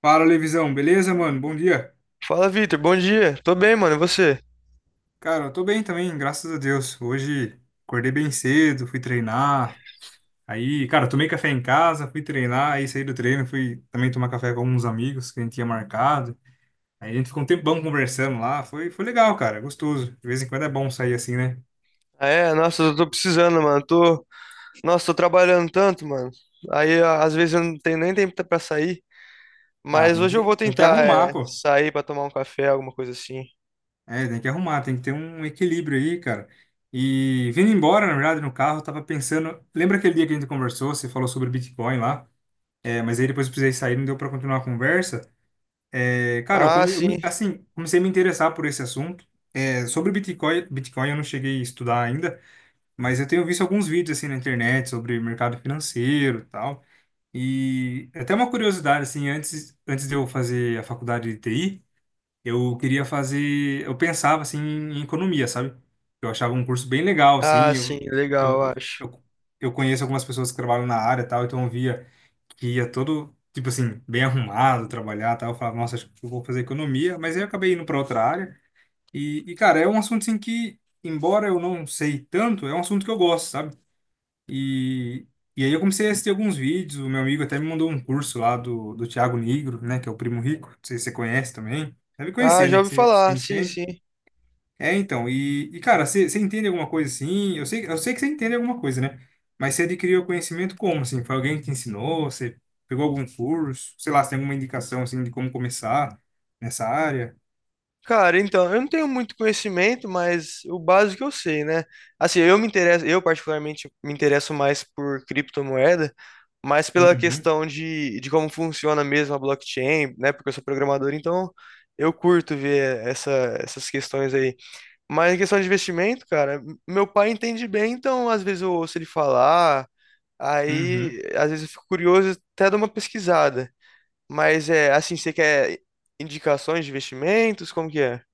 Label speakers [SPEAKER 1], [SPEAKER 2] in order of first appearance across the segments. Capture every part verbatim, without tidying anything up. [SPEAKER 1] Fala, Levisão, beleza, mano? Bom dia.
[SPEAKER 2] Fala, Vitor. Bom dia. Tô bem, mano. E você?
[SPEAKER 1] Cara, eu tô bem também, graças a Deus. Hoje acordei bem cedo, fui treinar. Aí, cara, tomei café em casa, fui treinar, aí saí do treino, fui também tomar café com alguns amigos que a gente tinha marcado. Aí a gente ficou um tempão conversando lá, foi, foi legal, cara, gostoso. De vez em quando é bom sair assim, né?
[SPEAKER 2] Ah, é? Nossa, eu tô precisando, mano. Tô... Nossa, tô trabalhando tanto, mano. Aí, a- às vezes, eu não tenho nem tempo pra sair.
[SPEAKER 1] Ah,
[SPEAKER 2] Mas
[SPEAKER 1] tem
[SPEAKER 2] hoje eu
[SPEAKER 1] que,
[SPEAKER 2] vou
[SPEAKER 1] tem que
[SPEAKER 2] tentar,
[SPEAKER 1] arrumar,
[SPEAKER 2] é,
[SPEAKER 1] pô.
[SPEAKER 2] sair pra tomar um café, alguma coisa assim.
[SPEAKER 1] É, tem que arrumar, tem que ter um equilíbrio aí, cara. E vindo embora, na verdade, no carro, eu tava pensando. Lembra aquele dia que a gente conversou? Você falou sobre Bitcoin lá? É, mas aí depois eu precisei sair, não deu pra continuar a conversa. É, cara, eu,
[SPEAKER 2] Ah,
[SPEAKER 1] come, eu
[SPEAKER 2] sim.
[SPEAKER 1] me- assim, comecei a me interessar por esse assunto. É, sobre Bitcoin, Bitcoin eu não cheguei a estudar ainda, mas eu tenho visto alguns vídeos assim na internet sobre mercado financeiro e tal. E até uma curiosidade, assim, antes, antes de eu fazer a faculdade de T I, eu queria fazer, eu pensava assim em economia, sabe? Eu achava um curso bem legal,
[SPEAKER 2] Ah,
[SPEAKER 1] assim,
[SPEAKER 2] sim.
[SPEAKER 1] eu,
[SPEAKER 2] Legal, eu
[SPEAKER 1] eu,
[SPEAKER 2] acho.
[SPEAKER 1] eu, eu conheço algumas pessoas que trabalham na área e tal, então eu via que ia todo, tipo assim, bem arrumado, trabalhar e tal. Eu falava, nossa, acho que eu vou fazer economia. Mas aí eu acabei indo para outra área. E, e, cara, é um assunto assim que, embora eu não sei tanto, é um assunto que eu gosto, sabe? E, e aí eu comecei a assistir alguns vídeos. O meu amigo até me mandou um curso lá do, do Thiago Nigro, né? Que é o Primo Rico. Não sei se você conhece também. Deve
[SPEAKER 2] Ah,
[SPEAKER 1] conhecer,
[SPEAKER 2] já
[SPEAKER 1] né? Que
[SPEAKER 2] ouvi
[SPEAKER 1] você, você
[SPEAKER 2] falar. Sim,
[SPEAKER 1] entende.
[SPEAKER 2] sim.
[SPEAKER 1] É, então, e, e, cara, você você entende alguma coisa assim? Eu sei, eu sei que você entende alguma coisa, né? Mas você adquiriu conhecimento como, assim? Foi alguém que te ensinou? Você pegou algum curso? Sei lá, você tem alguma indicação, assim, de como começar nessa área?
[SPEAKER 2] Cara, então, eu não tenho muito conhecimento, mas o básico eu sei, né? Assim, eu me interesso, eu particularmente me interesso mais por criptomoeda, mas pela
[SPEAKER 1] Uhum,
[SPEAKER 2] questão de, de como funciona mesmo a blockchain, né? Porque eu sou programador, então eu curto ver essa, essas questões aí. Mas em questão de investimento, cara, meu pai entende bem, então às vezes eu ouço ele falar,
[SPEAKER 1] uhum.
[SPEAKER 2] aí às vezes eu fico curioso, até dou uma pesquisada. Mas é assim, você quer indicações de investimentos? Como que é?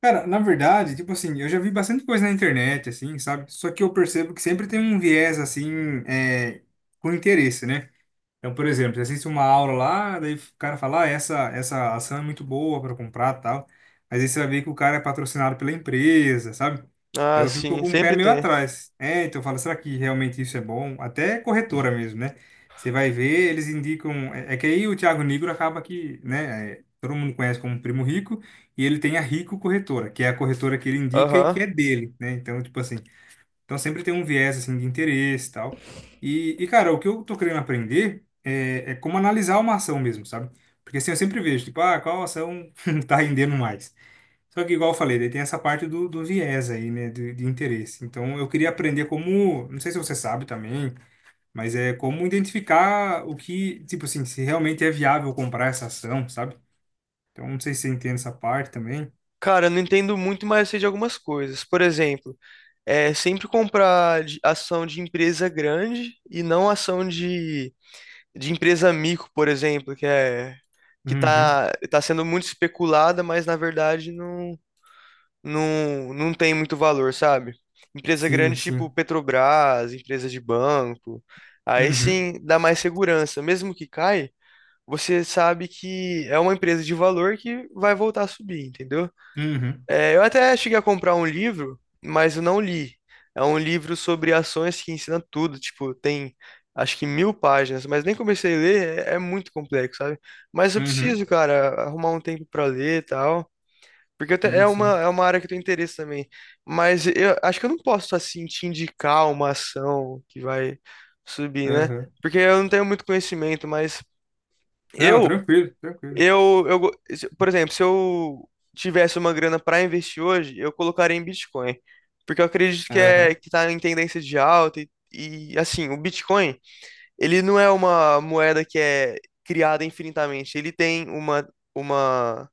[SPEAKER 1] Cara, na verdade, tipo assim, eu já vi bastante coisa na internet, assim, sabe? Só que eu percebo que sempre tem um viés, assim, é, com interesse, né? Então, por exemplo, você assiste uma aula lá, daí o cara fala, ah, essa, essa ação é muito boa para comprar e tal. Mas aí você vai ver que o cara é patrocinado pela empresa, sabe?
[SPEAKER 2] Ah,
[SPEAKER 1] Então eu fico
[SPEAKER 2] sim,
[SPEAKER 1] com o pé
[SPEAKER 2] sempre
[SPEAKER 1] meio
[SPEAKER 2] tem.
[SPEAKER 1] atrás. É, então eu falo, será que realmente isso é bom? Até corretora mesmo, né? Você vai ver, eles indicam. É, é que aí o Thiago Nigro acaba que, né? É, todo mundo conhece como Primo Rico, e ele tem a Rico Corretora, que é a corretora que ele indica e
[SPEAKER 2] Aham.
[SPEAKER 1] que é dele, né? Então, tipo assim. Então sempre tem um viés assim de interesse e tal. E, e cara, o que eu tô querendo aprender é, é como analisar uma ação mesmo, sabe? Porque assim eu sempre vejo, tipo, ah, qual ação tá rendendo mais? Só que igual eu falei, daí tem essa parte do, do viés aí, né, de, de interesse. Então eu queria aprender como, não sei se você sabe também, mas é como identificar o que, tipo assim, se realmente é viável comprar essa ação, sabe? Então não sei se você entende essa parte também.
[SPEAKER 2] Cara, eu não entendo muito, mas eu sei de algumas coisas. Por exemplo, é sempre comprar de- ação de empresa grande e não ação de, de empresa mico, por exemplo, que é que
[SPEAKER 1] Uhum.
[SPEAKER 2] tá, tá sendo muito especulada, mas na verdade não, não, não tem muito valor, sabe? Empresa
[SPEAKER 1] Sim,
[SPEAKER 2] grande tipo
[SPEAKER 1] sim.
[SPEAKER 2] Petrobras, empresa de banco. Aí
[SPEAKER 1] Uhum.
[SPEAKER 2] sim dá mais segurança. Mesmo que caia, você sabe que é uma empresa de valor que vai voltar a subir, entendeu?
[SPEAKER 1] Uhum.
[SPEAKER 2] É, eu até cheguei a comprar um livro, mas eu não li. É um livro sobre ações que ensina tudo, tipo, tem acho que mil páginas, mas nem comecei a ler, é, é muito complexo, sabe? Mas eu
[SPEAKER 1] Uhum.
[SPEAKER 2] preciso, cara, arrumar um tempo pra ler e tal. Porque eu te-
[SPEAKER 1] Sim,
[SPEAKER 2] é
[SPEAKER 1] sim.
[SPEAKER 2] uma, é uma área que eu tenho interesse também. Mas eu acho que eu não posso, assim, te indicar uma ação que vai subir, né?
[SPEAKER 1] Aham.
[SPEAKER 2] Porque eu não tenho muito conhecimento, mas
[SPEAKER 1] Não,
[SPEAKER 2] eu
[SPEAKER 1] tranquilo, tranquilo.
[SPEAKER 2] eu, eu, go- se- por exemplo, se eu tivesse uma grana para investir hoje, eu colocaria em Bitcoin, porque eu acredito que é
[SPEAKER 1] Aham.
[SPEAKER 2] que tá em tendência de alta e, e assim, o Bitcoin, ele não é uma moeda que é criada infinitamente, ele tem uma uma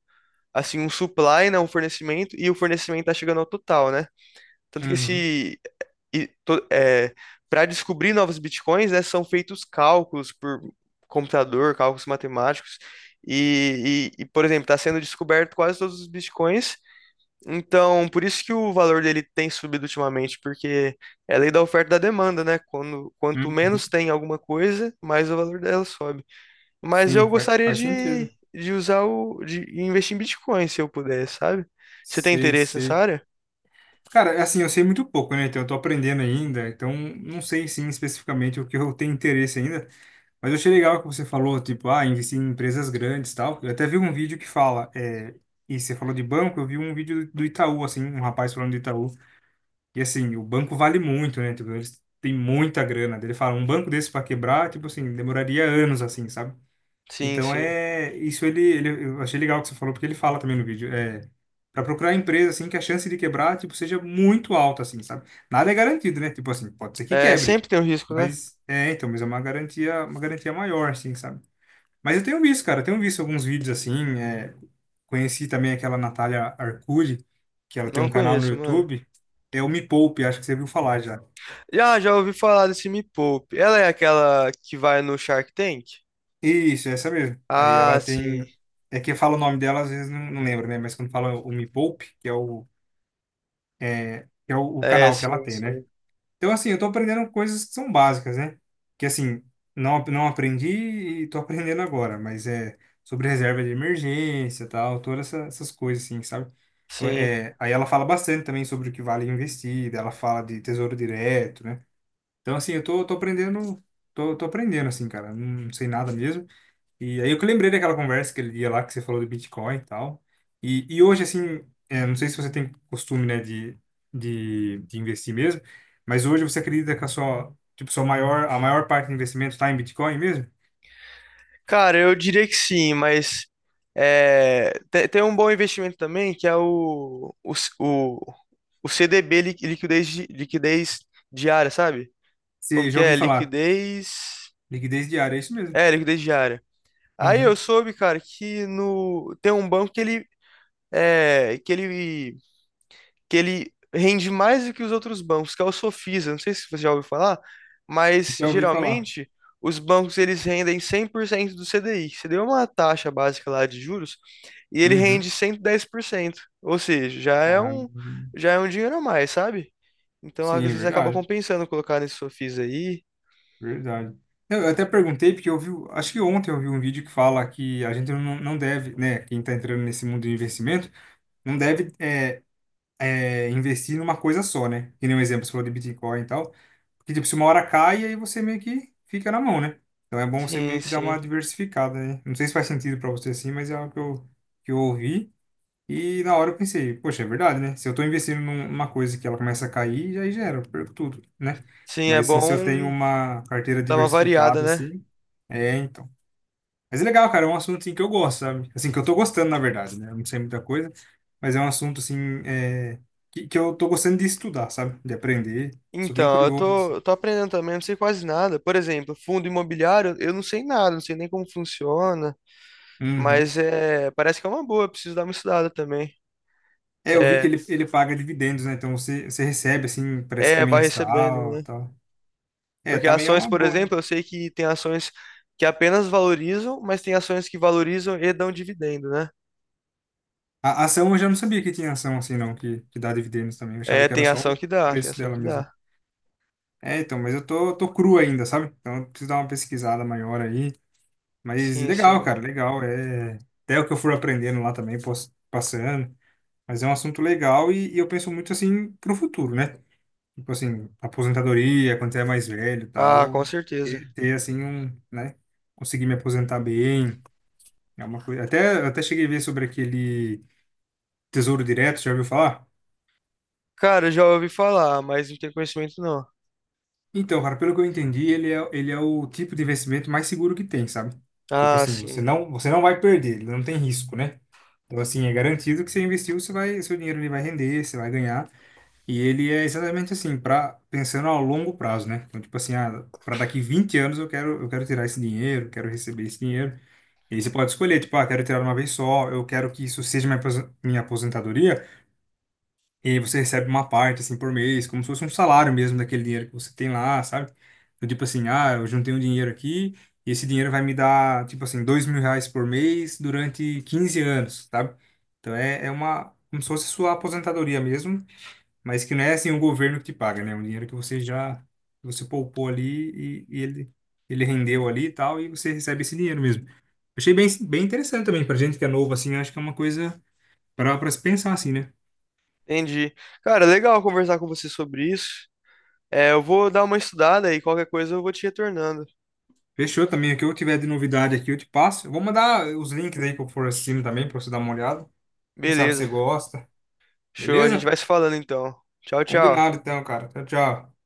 [SPEAKER 2] assim um supply, né, um fornecimento e o fornecimento tá chegando ao total, né? Tanto que
[SPEAKER 1] Uhum.
[SPEAKER 2] esse e para descobrir novos bitcoins, né, são feitos cálculos por computador, cálculos matemáticos. E, e- e, por exemplo, está sendo descoberto quase todos os bitcoins. Então, por isso que o valor dele tem subido ultimamente, porque é lei da oferta e da demanda, né? Quando, quanto
[SPEAKER 1] Uhum.
[SPEAKER 2] menos tem alguma coisa, mais o valor dela sobe. Mas eu
[SPEAKER 1] Sim, faz,
[SPEAKER 2] gostaria
[SPEAKER 1] faz
[SPEAKER 2] de,
[SPEAKER 1] sentido.
[SPEAKER 2] de usar o, de investir em bitcoin, se eu puder, sabe? Você tem
[SPEAKER 1] Sei,
[SPEAKER 2] interesse nessa
[SPEAKER 1] sei.
[SPEAKER 2] área?
[SPEAKER 1] Cara, é assim, eu sei muito pouco, né? Então eu tô aprendendo ainda, então não sei sim especificamente o que eu tenho interesse ainda, mas eu achei legal que você falou, tipo, ah, investir em empresas grandes e tal. Eu até vi um vídeo que fala, é, e você falou de banco, eu vi um vídeo do Itaú, assim, um rapaz falando do Itaú, e assim, o banco vale muito, né? Tipo, eles têm muita grana. Daí ele fala, um banco desse para quebrar, tipo assim, demoraria anos, assim, sabe?
[SPEAKER 2] Sim,
[SPEAKER 1] Então
[SPEAKER 2] sim.
[SPEAKER 1] é isso ele, ele eu achei legal o que você falou porque ele fala também no vídeo é para procurar empresa assim que a chance de quebrar tipo seja muito alta assim sabe nada é garantido né tipo assim pode ser que
[SPEAKER 2] É,
[SPEAKER 1] quebre
[SPEAKER 2] sempre tem o risco, né?
[SPEAKER 1] mas é então mas é uma garantia uma garantia maior assim sabe mas eu tenho visto cara eu tenho visto alguns vídeos assim é, conheci também aquela Natália Arcuri que ela tem
[SPEAKER 2] Não
[SPEAKER 1] um canal no
[SPEAKER 2] conheço, mano.
[SPEAKER 1] YouTube é o Me Poupe acho que você viu falar já.
[SPEAKER 2] Já, já ouvi falar desse Me Poupe. Ela é aquela que vai no Shark Tank?
[SPEAKER 1] Isso, é essa mesmo. Aí
[SPEAKER 2] Ah,
[SPEAKER 1] ela tem.
[SPEAKER 2] sim.
[SPEAKER 1] É que eu falo o nome dela, às vezes não, não lembro, né? Mas quando fala o Me Poupe, que é o, é, que é o, o
[SPEAKER 2] É,
[SPEAKER 1] canal que ela
[SPEAKER 2] sim,
[SPEAKER 1] tem, né?
[SPEAKER 2] sim.
[SPEAKER 1] Então, assim, eu tô aprendendo coisas que são básicas, né? Que, assim, não, não aprendi e tô aprendendo agora, mas é sobre reserva de emergência e tal, todas essa- essas coisas, assim, sabe?
[SPEAKER 2] Sim.
[SPEAKER 1] É, aí ela fala bastante também sobre o que vale investir, daí ela fala de tesouro direto, né? Então, assim, eu tô, tô aprendendo, tô, tô aprendendo, assim, cara, não sei nada mesmo. E aí eu que lembrei daquela conversa que ele dia lá que você falou de Bitcoin e tal. E, e hoje, assim, é, não sei se você tem costume, né, de, de, de investir mesmo, mas hoje você acredita que a sua, tipo, sua maior, a maior parte do investimento está em Bitcoin mesmo?
[SPEAKER 2] Cara, eu diria que sim, mas é, te- tem, um bom investimento também, que é o, o, c- o, o C D B, li- liquidez, di- liquidez diária, sabe? Como
[SPEAKER 1] Você
[SPEAKER 2] que
[SPEAKER 1] já
[SPEAKER 2] é?
[SPEAKER 1] ouviu falar?
[SPEAKER 2] Liquidez.
[SPEAKER 1] Liquidez diária, é isso mesmo.
[SPEAKER 2] É, liquidez diária. Aí eu
[SPEAKER 1] Uhum.
[SPEAKER 2] soube, cara, que no, tem um banco que ele, é, que ele que ele rende mais do que os outros bancos, que é o Sofisa. Não sei se você já ouviu falar, mas
[SPEAKER 1] Já ouvi falar.
[SPEAKER 2] geralmente os bancos eles rendem cem por cento do C D I. Você deu uma taxa básica lá de juros e ele
[SPEAKER 1] Uhum.
[SPEAKER 2] rende cento e dez por cento. Ou seja, já é
[SPEAKER 1] Ah,
[SPEAKER 2] um já é um dinheiro a mais, sabe? Então às
[SPEAKER 1] sim,
[SPEAKER 2] vezes acaba
[SPEAKER 1] verdade,
[SPEAKER 2] compensando colocar nesse Sofisa aí.
[SPEAKER 1] verdade. Eu até perguntei, porque eu vi, acho que ontem eu vi um vídeo que fala que a gente não, não deve, né, quem está entrando nesse mundo de investimento, não deve é, é, investir numa coisa só, né? Que nem um exemplo, você falou de Bitcoin e tal. Porque, tipo, se uma hora cai, aí você meio que fica na mão, né? Então é bom você
[SPEAKER 2] Sim,
[SPEAKER 1] meio que dar
[SPEAKER 2] sim.
[SPEAKER 1] uma diversificada, né? Não sei se faz sentido pra você assim, mas é algo que eu, que eu ouvi. E na hora eu pensei, poxa, é verdade, né? Se eu tô investindo num- numa coisa que ela começa a cair, aí já era, eu perco tudo, né?
[SPEAKER 2] Sim, é
[SPEAKER 1] Mas assim, se eu tenho
[SPEAKER 2] bom
[SPEAKER 1] uma carteira
[SPEAKER 2] dar uma variada,
[SPEAKER 1] diversificada,
[SPEAKER 2] né?
[SPEAKER 1] assim, é, então. Mas é legal, cara, é um assunto assim, que eu gosto, sabe? Assim, que eu tô gostando, na verdade, né? Eu não sei muita coisa, mas é um assunto assim é, que, que eu tô gostando de estudar, sabe? De aprender. Sou bem
[SPEAKER 2] Então, eu
[SPEAKER 1] curioso,
[SPEAKER 2] tô,
[SPEAKER 1] assim.
[SPEAKER 2] eu tô aprendendo também, não sei quase nada. Por exemplo, fundo imobiliário, eu não sei nada, não sei nem como funciona.
[SPEAKER 1] Uhum.
[SPEAKER 2] Mas é, parece que é uma boa, preciso dar uma estudada também.
[SPEAKER 1] É, eu vi
[SPEAKER 2] É,
[SPEAKER 1] que ele, ele paga dividendos, né? Então você, você recebe, assim, parece que
[SPEAKER 2] É, vai recebendo.
[SPEAKER 1] mensal e
[SPEAKER 2] Né?
[SPEAKER 1] tal. É,
[SPEAKER 2] Porque
[SPEAKER 1] também é
[SPEAKER 2] ações,
[SPEAKER 1] uma
[SPEAKER 2] por
[SPEAKER 1] boa, né?
[SPEAKER 2] exemplo, eu sei que tem ações que apenas valorizam, mas tem ações que valorizam e dão dividendo, né?
[SPEAKER 1] A a ação eu já não sabia que tinha ação assim, não, que, que dá dividendos também. Eu achava
[SPEAKER 2] É,
[SPEAKER 1] que era
[SPEAKER 2] tem
[SPEAKER 1] só
[SPEAKER 2] ação
[SPEAKER 1] o
[SPEAKER 2] que dá, tem
[SPEAKER 1] preço
[SPEAKER 2] ação
[SPEAKER 1] dela
[SPEAKER 2] que
[SPEAKER 1] mesmo.
[SPEAKER 2] dá.
[SPEAKER 1] É, então, mas eu tô, tô cru ainda, sabe? Então eu preciso dar uma pesquisada maior aí. Mas
[SPEAKER 2] Sim,
[SPEAKER 1] legal,
[SPEAKER 2] sim.
[SPEAKER 1] cara, legal. É até o que eu fui aprendendo lá também, pos- passando. Mas é um assunto legal e, e eu penso muito assim pro futuro, né? Tipo assim, aposentadoria, quando você é mais velho e
[SPEAKER 2] Ah, com
[SPEAKER 1] tal,
[SPEAKER 2] certeza.
[SPEAKER 1] ter, ter assim um, né? Conseguir me aposentar bem, é uma coisa. Até, até cheguei a ver sobre aquele Tesouro Direto, já ouviu falar?
[SPEAKER 2] Cara, eu já ouvi falar, mas não tenho conhecimento não.
[SPEAKER 1] Então, cara, pelo que eu entendi, ele é, ele é o tipo de investimento mais seguro que tem, sabe? Tipo
[SPEAKER 2] Ah,
[SPEAKER 1] assim, você
[SPEAKER 2] sim.
[SPEAKER 1] não, você não vai perder, ele não tem risco, né? Então, assim, é garantido que você investiu, você vai, seu dinheiro ele vai render, você vai ganhar. E ele é exatamente assim, para pensando a longo prazo, né? Então, tipo assim, ah, para daqui vinte anos eu quero, eu quero tirar esse dinheiro, quero receber esse dinheiro. E aí você pode escolher, tipo, ah, quero tirar uma vez só, eu quero que isso seja minha apos- minha aposentadoria, e aí você recebe uma parte, assim, por mês, como se fosse um salário mesmo daquele dinheiro que você tem lá, sabe? Então, tipo assim, ah, eu juntei um dinheiro aqui, e esse dinheiro vai me dar, tipo assim, dois mil reais por mês durante quinze anos, sabe? Então é, é uma, como se fosse sua aposentadoria mesmo, mas que não é assim o governo que te paga, né? É um dinheiro que você já, que você poupou ali e, e ele, ele rendeu ali e tal, e você recebe esse dinheiro mesmo. Achei bem, bem interessante também, pra gente que é novo, assim, acho que é uma coisa para para se pensar, assim, né?
[SPEAKER 2] Entendi. Cara, legal conversar com você sobre isso. É, eu vou dar uma estudada e qualquer coisa eu vou te retornando.
[SPEAKER 1] Fechou também. O que eu tiver de novidade aqui, eu te passo. Eu vou mandar os links aí que eu for assistindo também, pra você dar uma olhada. Quem sabe você
[SPEAKER 2] Beleza.
[SPEAKER 1] gosta.
[SPEAKER 2] Show, a gente
[SPEAKER 1] Beleza?
[SPEAKER 2] vai se falando então. Tchau, tchau.
[SPEAKER 1] Combinado então, cara. Tchau, tchau.